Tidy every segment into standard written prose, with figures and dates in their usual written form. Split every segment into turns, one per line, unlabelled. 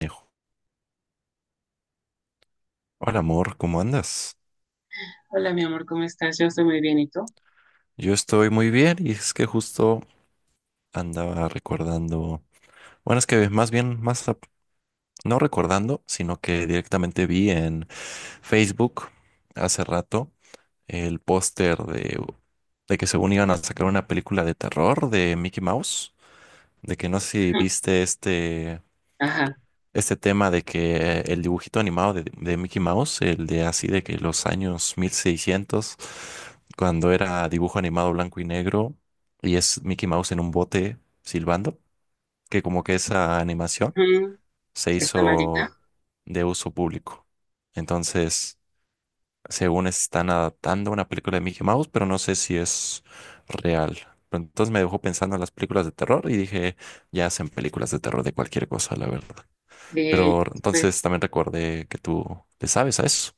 Dijo, hola amor, ¿cómo andas?
Hola, mi amor, ¿cómo estás? Yo estoy muy bien, ¿y tú?
Yo estoy muy bien y es que justo andaba recordando, bueno, es que más bien, no recordando, sino que directamente vi en Facebook hace rato el póster de que según iban a sacar una película de terror de Mickey Mouse, de que no sé si viste
Ajá.
este tema de que el dibujito animado de Mickey Mouse, el de así de que los años 1600, cuando era dibujo animado blanco y negro, y es Mickey Mouse en un bote silbando, que como que esa animación
Mm,
se
¿está maldita?
hizo de uso público. Entonces, según están adaptando una película de Mickey Mouse, pero no sé si es real. Pero entonces me dejó pensando en las películas de terror y dije, ya hacen películas de terror de cualquier cosa, la verdad.
Sí,
Pero
pues.
entonces también recuerde que tú le sabes a eso.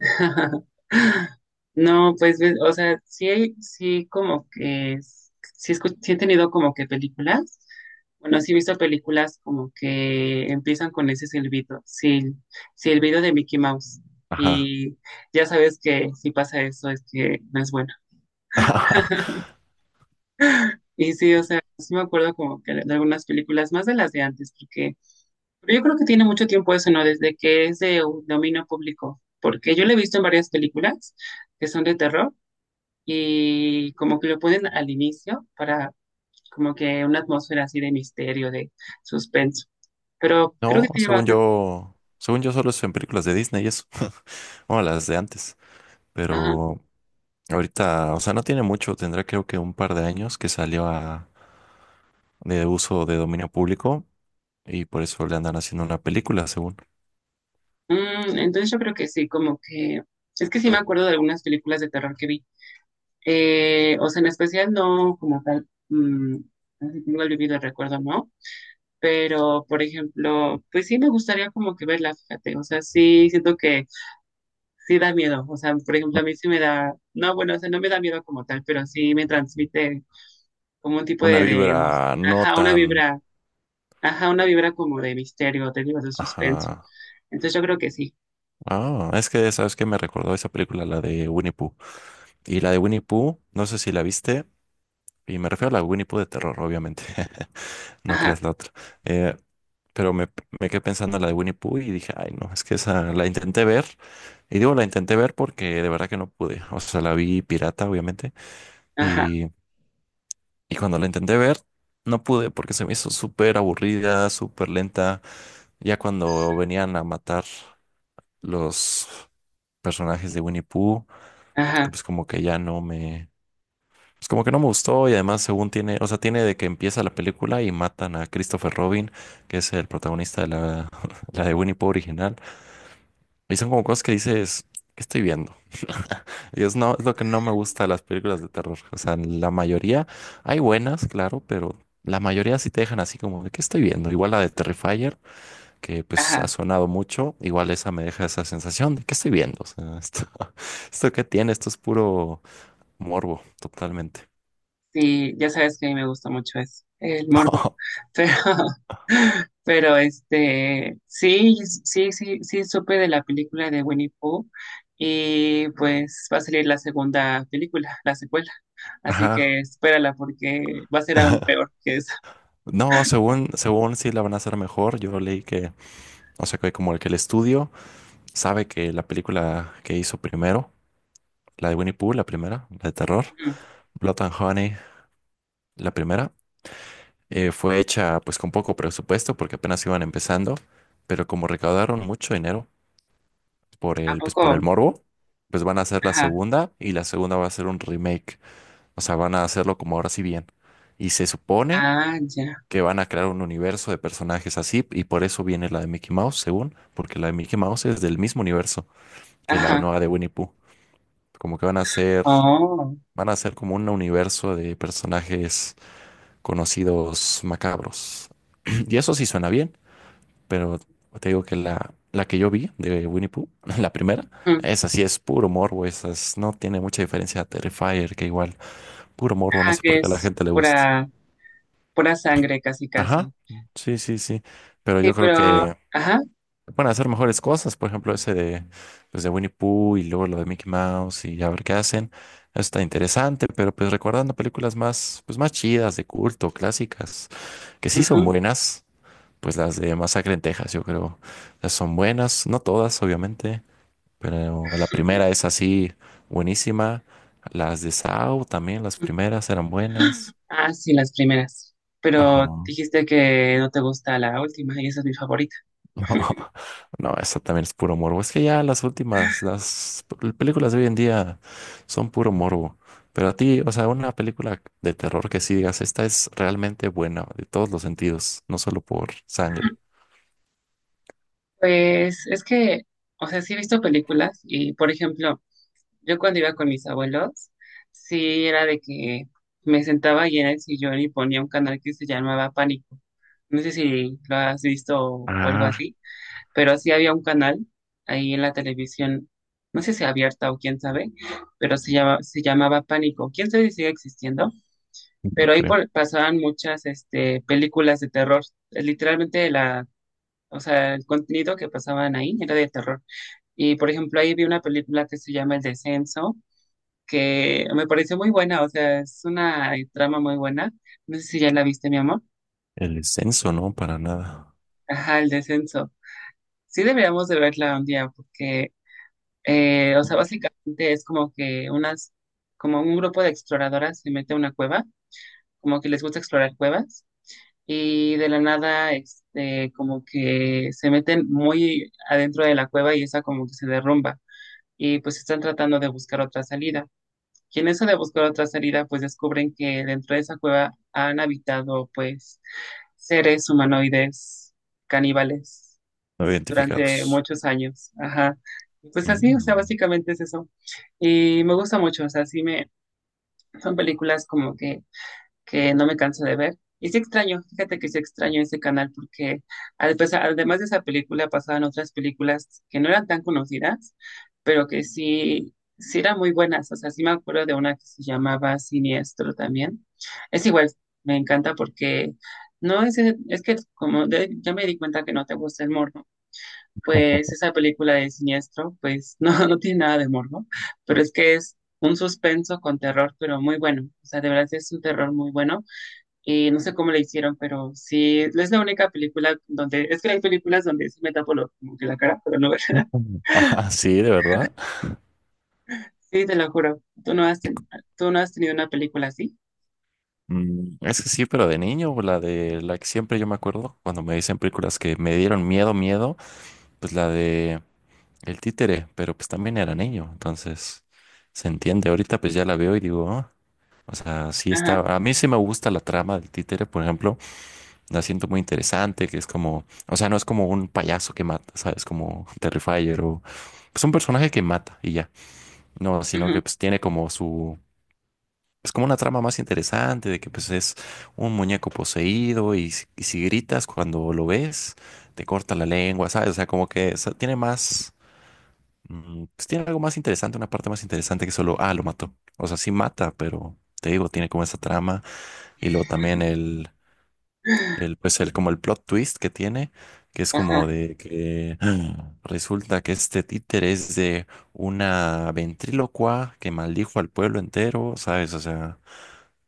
No, pues, ves, o sea, sí, sí he tenido como que películas, bueno, sí he visto películas como que empiezan con ese silbido, sí, sí, el video de Mickey Mouse,
Ajá.
y ya sabes que si pasa eso es que no es bueno. Y sí, o sea, sí me acuerdo como que de algunas películas, más de las de antes, porque pero yo creo que tiene mucho tiempo eso, ¿no? Desde que es de dominio público, porque yo lo he visto en varias películas que son de terror y como que lo ponen al inicio para como que una atmósfera así de misterio, de suspenso. Pero creo
No,
que te lleva bastante.
según yo solo es en películas de Disney y eso. Bueno, las de antes.
Ajá.
Pero ahorita, o sea, no tiene mucho, tendrá creo que un par de años que de uso de dominio público y por eso le andan haciendo una película, según.
Entonces yo creo que sí, como que es que sí me acuerdo de algunas películas de terror que vi. O sea, en especial no como tal, no si tengo el vivido recuerdo, ¿no? Pero, por ejemplo, pues sí me gustaría como que verla, fíjate, o sea, sí siento que sí da miedo, o sea, por ejemplo, a mí sí me da, no, bueno, o sea, no me da miedo como tal, pero sí me transmite como un tipo
Una
de,
vibra no
ajá, una
tan...
vibra, ajá, una vibra como de misterio, te digo, de suspenso.
Ajá.
Entonces yo creo que sí,
Ah, es que, ¿sabes qué? Me recordó esa película, la de Winnie Pooh. Y la de Winnie Pooh, no sé si la viste, y me refiero a la Winnie Pooh de terror, obviamente. No
ajá,
creas la otra. Eh, pero me, me quedé pensando en la de Winnie Pooh y dije, ay, no, es que esa la intenté ver. Y digo, la intenté ver porque de verdad que no pude. O sea, la vi pirata, obviamente.
ajá,
Y, y cuando la intenté ver, no pude porque se me hizo súper aburrida, súper lenta. Ya cuando venían a matar los personajes de Winnie Pooh, que
ajá,
pues como que no me gustó, y además según tiene, o sea, tiene de que empieza la película y matan a Christopher Robin, que es el protagonista de la de Winnie Pooh original, y son como cosas que dices, ¿qué estoy viendo? Y es, no, es lo que no me gusta de las películas de terror, o sea, la mayoría, hay buenas, claro, pero... La mayoría sí te dejan así como, ¿qué estoy viendo? Igual la de Terrifier, que pues ha
ajá.
sonado mucho, igual esa me deja esa sensación de que estoy viendo. O sea, esto, esto que tiene, esto es puro morbo, totalmente.
Sí, ya sabes que a mí me gusta mucho eso, el morbo. Pero, pero este, sí, sí supe de la película de Winnie Pooh y pues va a salir la segunda película, la secuela. Así
Ajá.
que espérala porque va a ser aún peor que esa.
No, según, según sí la van a hacer mejor. Yo leí que, o sea, que como el estudio sabe que la película que hizo primero, la de Winnie Pooh, la primera, la de terror,
Ujú.
Blood and Honey, la primera, fue hecha pues con poco presupuesto porque apenas iban empezando, pero como recaudaron mucho dinero
¿A
pues por el
poco?
morbo, pues van a hacer la
Ajá.
segunda, y la segunda va a ser un remake. O sea, van a hacerlo como ahora sí bien. Y se supone
Ah, ya.
que van a crear un universo de personajes así, y por eso viene la de Mickey Mouse, según, porque la de Mickey Mouse es del mismo universo que la
Ajá.
nueva de Winnie Pooh. Como que
Oh.
van a ser como un universo de personajes conocidos macabros. Y eso sí suena bien. Pero te digo que la que yo vi de Winnie Pooh, la primera,
Ujú.
esa sí es puro morbo, no tiene mucha diferencia a Terrifier, que igual, puro morbo, no
Ajá,
sé
que
por qué a la
es
gente le gusta.
pura, pura sangre casi casi.
Ajá, sí, sí, sí, pero
Sí,
yo creo
pero,
que
ajá,
pueden hacer mejores cosas, por ejemplo, pues de Winnie Pooh y luego lo de Mickey Mouse, y a ver qué hacen. Eso está interesante, pero pues recordando películas más, pues más chidas, de culto, clásicas, que sí son
ujú.
buenas, pues las de Masacre en Texas, yo creo, las son buenas, no todas, obviamente. Pero la primera es así buenísima. Las de Sao también, las primeras eran buenas.
Ah, sí, las primeras.
Ajá.
Pero
No,
dijiste que no te gusta la última y esa es mi favorita.
no, eso también es puro morbo. Es que ya las últimas, películas de hoy en día son puro morbo. Pero a ti, o sea, una película de terror que sí digas, esta es realmente buena de todos los sentidos, no solo por sangre.
Pues es que, o sea, sí he visto películas y, por ejemplo, yo cuando iba con mis abuelos, sí era de que me sentaba ahí en el sillón y ponía un canal que se llamaba Pánico. No sé si lo has visto o algo
Ah,
así, pero sí había un canal ahí en la televisión, no sé si abierta o quién sabe, pero se llamaba Pánico. ¿Quién sabe si sigue existiendo?
no
Pero ahí
creo.
pasaban muchas este, películas de terror. Literalmente o sea, el contenido que pasaban ahí era de terror. Y por ejemplo, ahí vi una película que se llama El Descenso, que me pareció muy buena, o sea, es una trama muy buena. No sé si ya la viste, mi amor.
El descenso, no, para nada.
Ajá, El Descenso. Sí deberíamos de verla un día, porque, o sea, básicamente es como que como un grupo de exploradoras se mete a una cueva, como que les gusta explorar cuevas y de la nada, este, como que se meten muy adentro de la cueva y esa como que se derrumba y pues están tratando de buscar otra salida. Y en eso de buscar otra salida, pues descubren que dentro de esa cueva han habitado pues seres humanoides caníbales
No
durante
identificados.
muchos años. Ajá. Y pues así, o sea,
Mm.
básicamente es eso. Y me gusta mucho, o sea, son películas como que no me canso de ver. Y sí extraño, fíjate que sí extraño ese canal porque pues, además de esa película pasaban otras películas que no eran tan conocidas, pero que sí, sí eran muy buenas. O sea, sí me acuerdo de una que se llamaba Siniestro también. Es igual, me encanta porque no es, es que ya me di cuenta que no te gusta el morbo, pues esa película de Siniestro, pues no, no tiene nada de morbo, pero es que es un suspenso con terror, pero muy bueno. O sea, de verdad es un terror muy bueno y no sé cómo le hicieron, pero sí, es la única película donde, es que hay películas donde sí me tapo como que la cara, pero no,
Ajá. Ah, sí, de verdad.
sí, te lo juro, tú no has tenido una película así.
Mm, es que sí, pero de niño, pues, la de la que siempre yo me acuerdo cuando me dicen películas que me dieron miedo, pues la de El Títere, pero pues también era niño, entonces se entiende. Ahorita pues ya la veo y digo, "Ah", o sea, sí
Ajá,
está. A mí sí me gusta la trama del Títere, por ejemplo, la siento muy interesante, que es como, o sea, no es como un payaso que mata, ¿sabes? Como Terrifier, o pues un personaje que mata y ya, no, sino
ujú,
que pues tiene como su, es como una trama más interesante de que pues es un muñeco poseído y, si gritas cuando lo ves, te corta la lengua, ¿sabes? O sea, como que tiene más, mm, pues tiene algo más interesante, una parte más interesante que solo, ah, lo mató. O sea, sí mata, pero te digo, tiene como esa trama, y luego también como el plot twist que tiene, que es como
ajá,
de que resulta que este títere es de una ventrílocua que maldijo al pueblo entero, ¿sabes? O sea...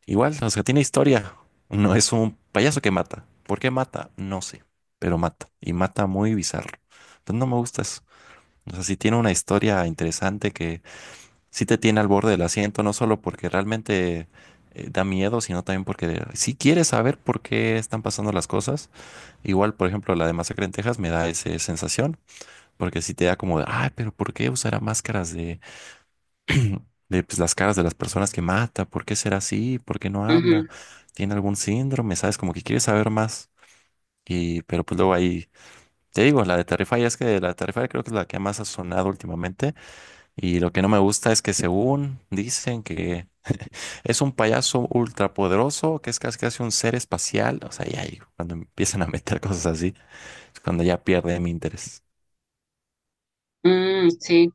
Igual, o sea, tiene historia. No es un payaso que mata. ¿Por qué mata? No sé, pero mata. Y mata muy bizarro. Entonces no me gusta eso. O sea, sí tiene una historia interesante que sí te tiene al borde del asiento, no solo porque realmente da miedo, sino también porque si quieres saber por qué están pasando las cosas. Igual, por ejemplo, la de Masacre en Texas me da esa sensación, porque sí te da como, de, ay, pero ¿por qué usará máscaras de pues, las caras de las personas que mata? ¿Por qué será así? ¿Por qué no habla?
ujú.
¿Tiene algún síndrome? ¿Sabes? Como que quiere saber más. Y, pero pues luego ahí, te digo, la de Terrify, es que la de Terrify creo que es la que más ha sonado últimamente. Y lo que no me gusta es que según dicen que es un payaso ultrapoderoso, que es casi casi un ser espacial. O sea, ya ahí cuando empiezan a meter cosas así, es cuando ya pierde mi interés.
Sí,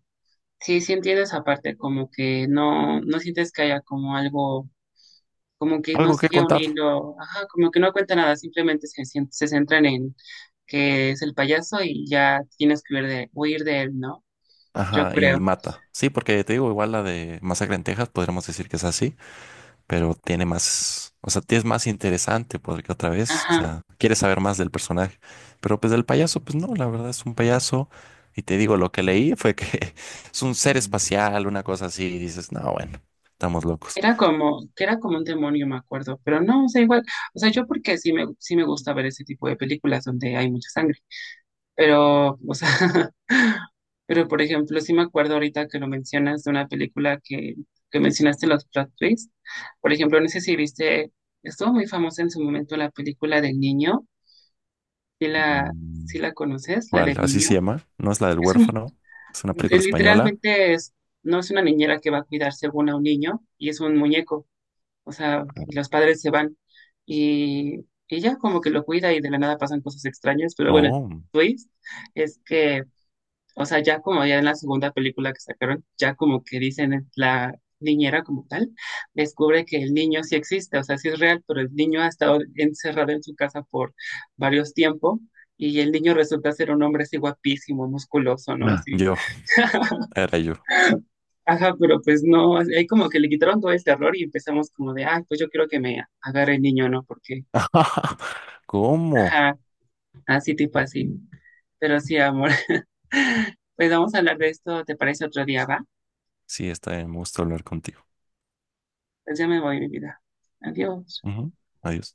sí entiendo esa parte, como que no, no sientes que haya como algo, como que no
Algo que
sigue un
contar.
hilo, ajá, como que no cuenta nada, simplemente se centran en que es el payaso y ya tienes que huir de él, ¿no? Yo
Ajá, y
creo.
mata. Sí, porque te digo, igual la de Masacre en Texas, podríamos decir que es así, pero tiene más, o sea, es más interesante porque otra vez, o
Ajá.
sea, quieres saber más del personaje, pero pues del payaso, pues no, la verdad es un payaso, y te digo, lo que leí fue que es un ser espacial, una cosa así, y dices, no, bueno, estamos locos.
Era como, que era como un demonio, me acuerdo, pero no, o sea, igual, o sea, yo porque sí me gusta ver ese tipo de películas donde hay mucha sangre, pero, o sea, pero por ejemplo, sí me acuerdo ahorita que lo mencionas de una que mencionaste los plot twists, por ejemplo, no sé si viste, estuvo muy famosa en su momento la película del niño, si la, si
Mm,
la conoces, la
¿cuál?
del
Así se
niño,
llama, no es la del
es un,
huérfano, es una película
es
española.
literalmente no es una niñera que va a cuidar según a un niño, y es un muñeco o sea, y los padres se van y ella como que lo cuida y de la nada pasan cosas extrañas, pero bueno, el
Oh,
twist es que, o sea, ya como ya en la segunda película que sacaron, ya como que dicen la niñera como tal, descubre que el niño sí existe, o sea, sí es real, pero el niño ha estado encerrado en su casa por varios tiempos. Y el niño resulta ser un hombre así guapísimo, musculoso, ¿no?
ah,
Así,
yo, era yo.
ajá, pero pues no, ahí como que le quitaron todo el terror y empezamos como de, ay, pues yo quiero que me agarre el niño, ¿no? Porque
¿Cómo?
ajá, así tipo así. Pero sí, amor. Pues vamos a hablar de esto, ¿te parece otro día, va?
Sí, está bien, me gusta hablar contigo.
Pues ya me voy, mi vida. Adiós.
Ujú, adiós.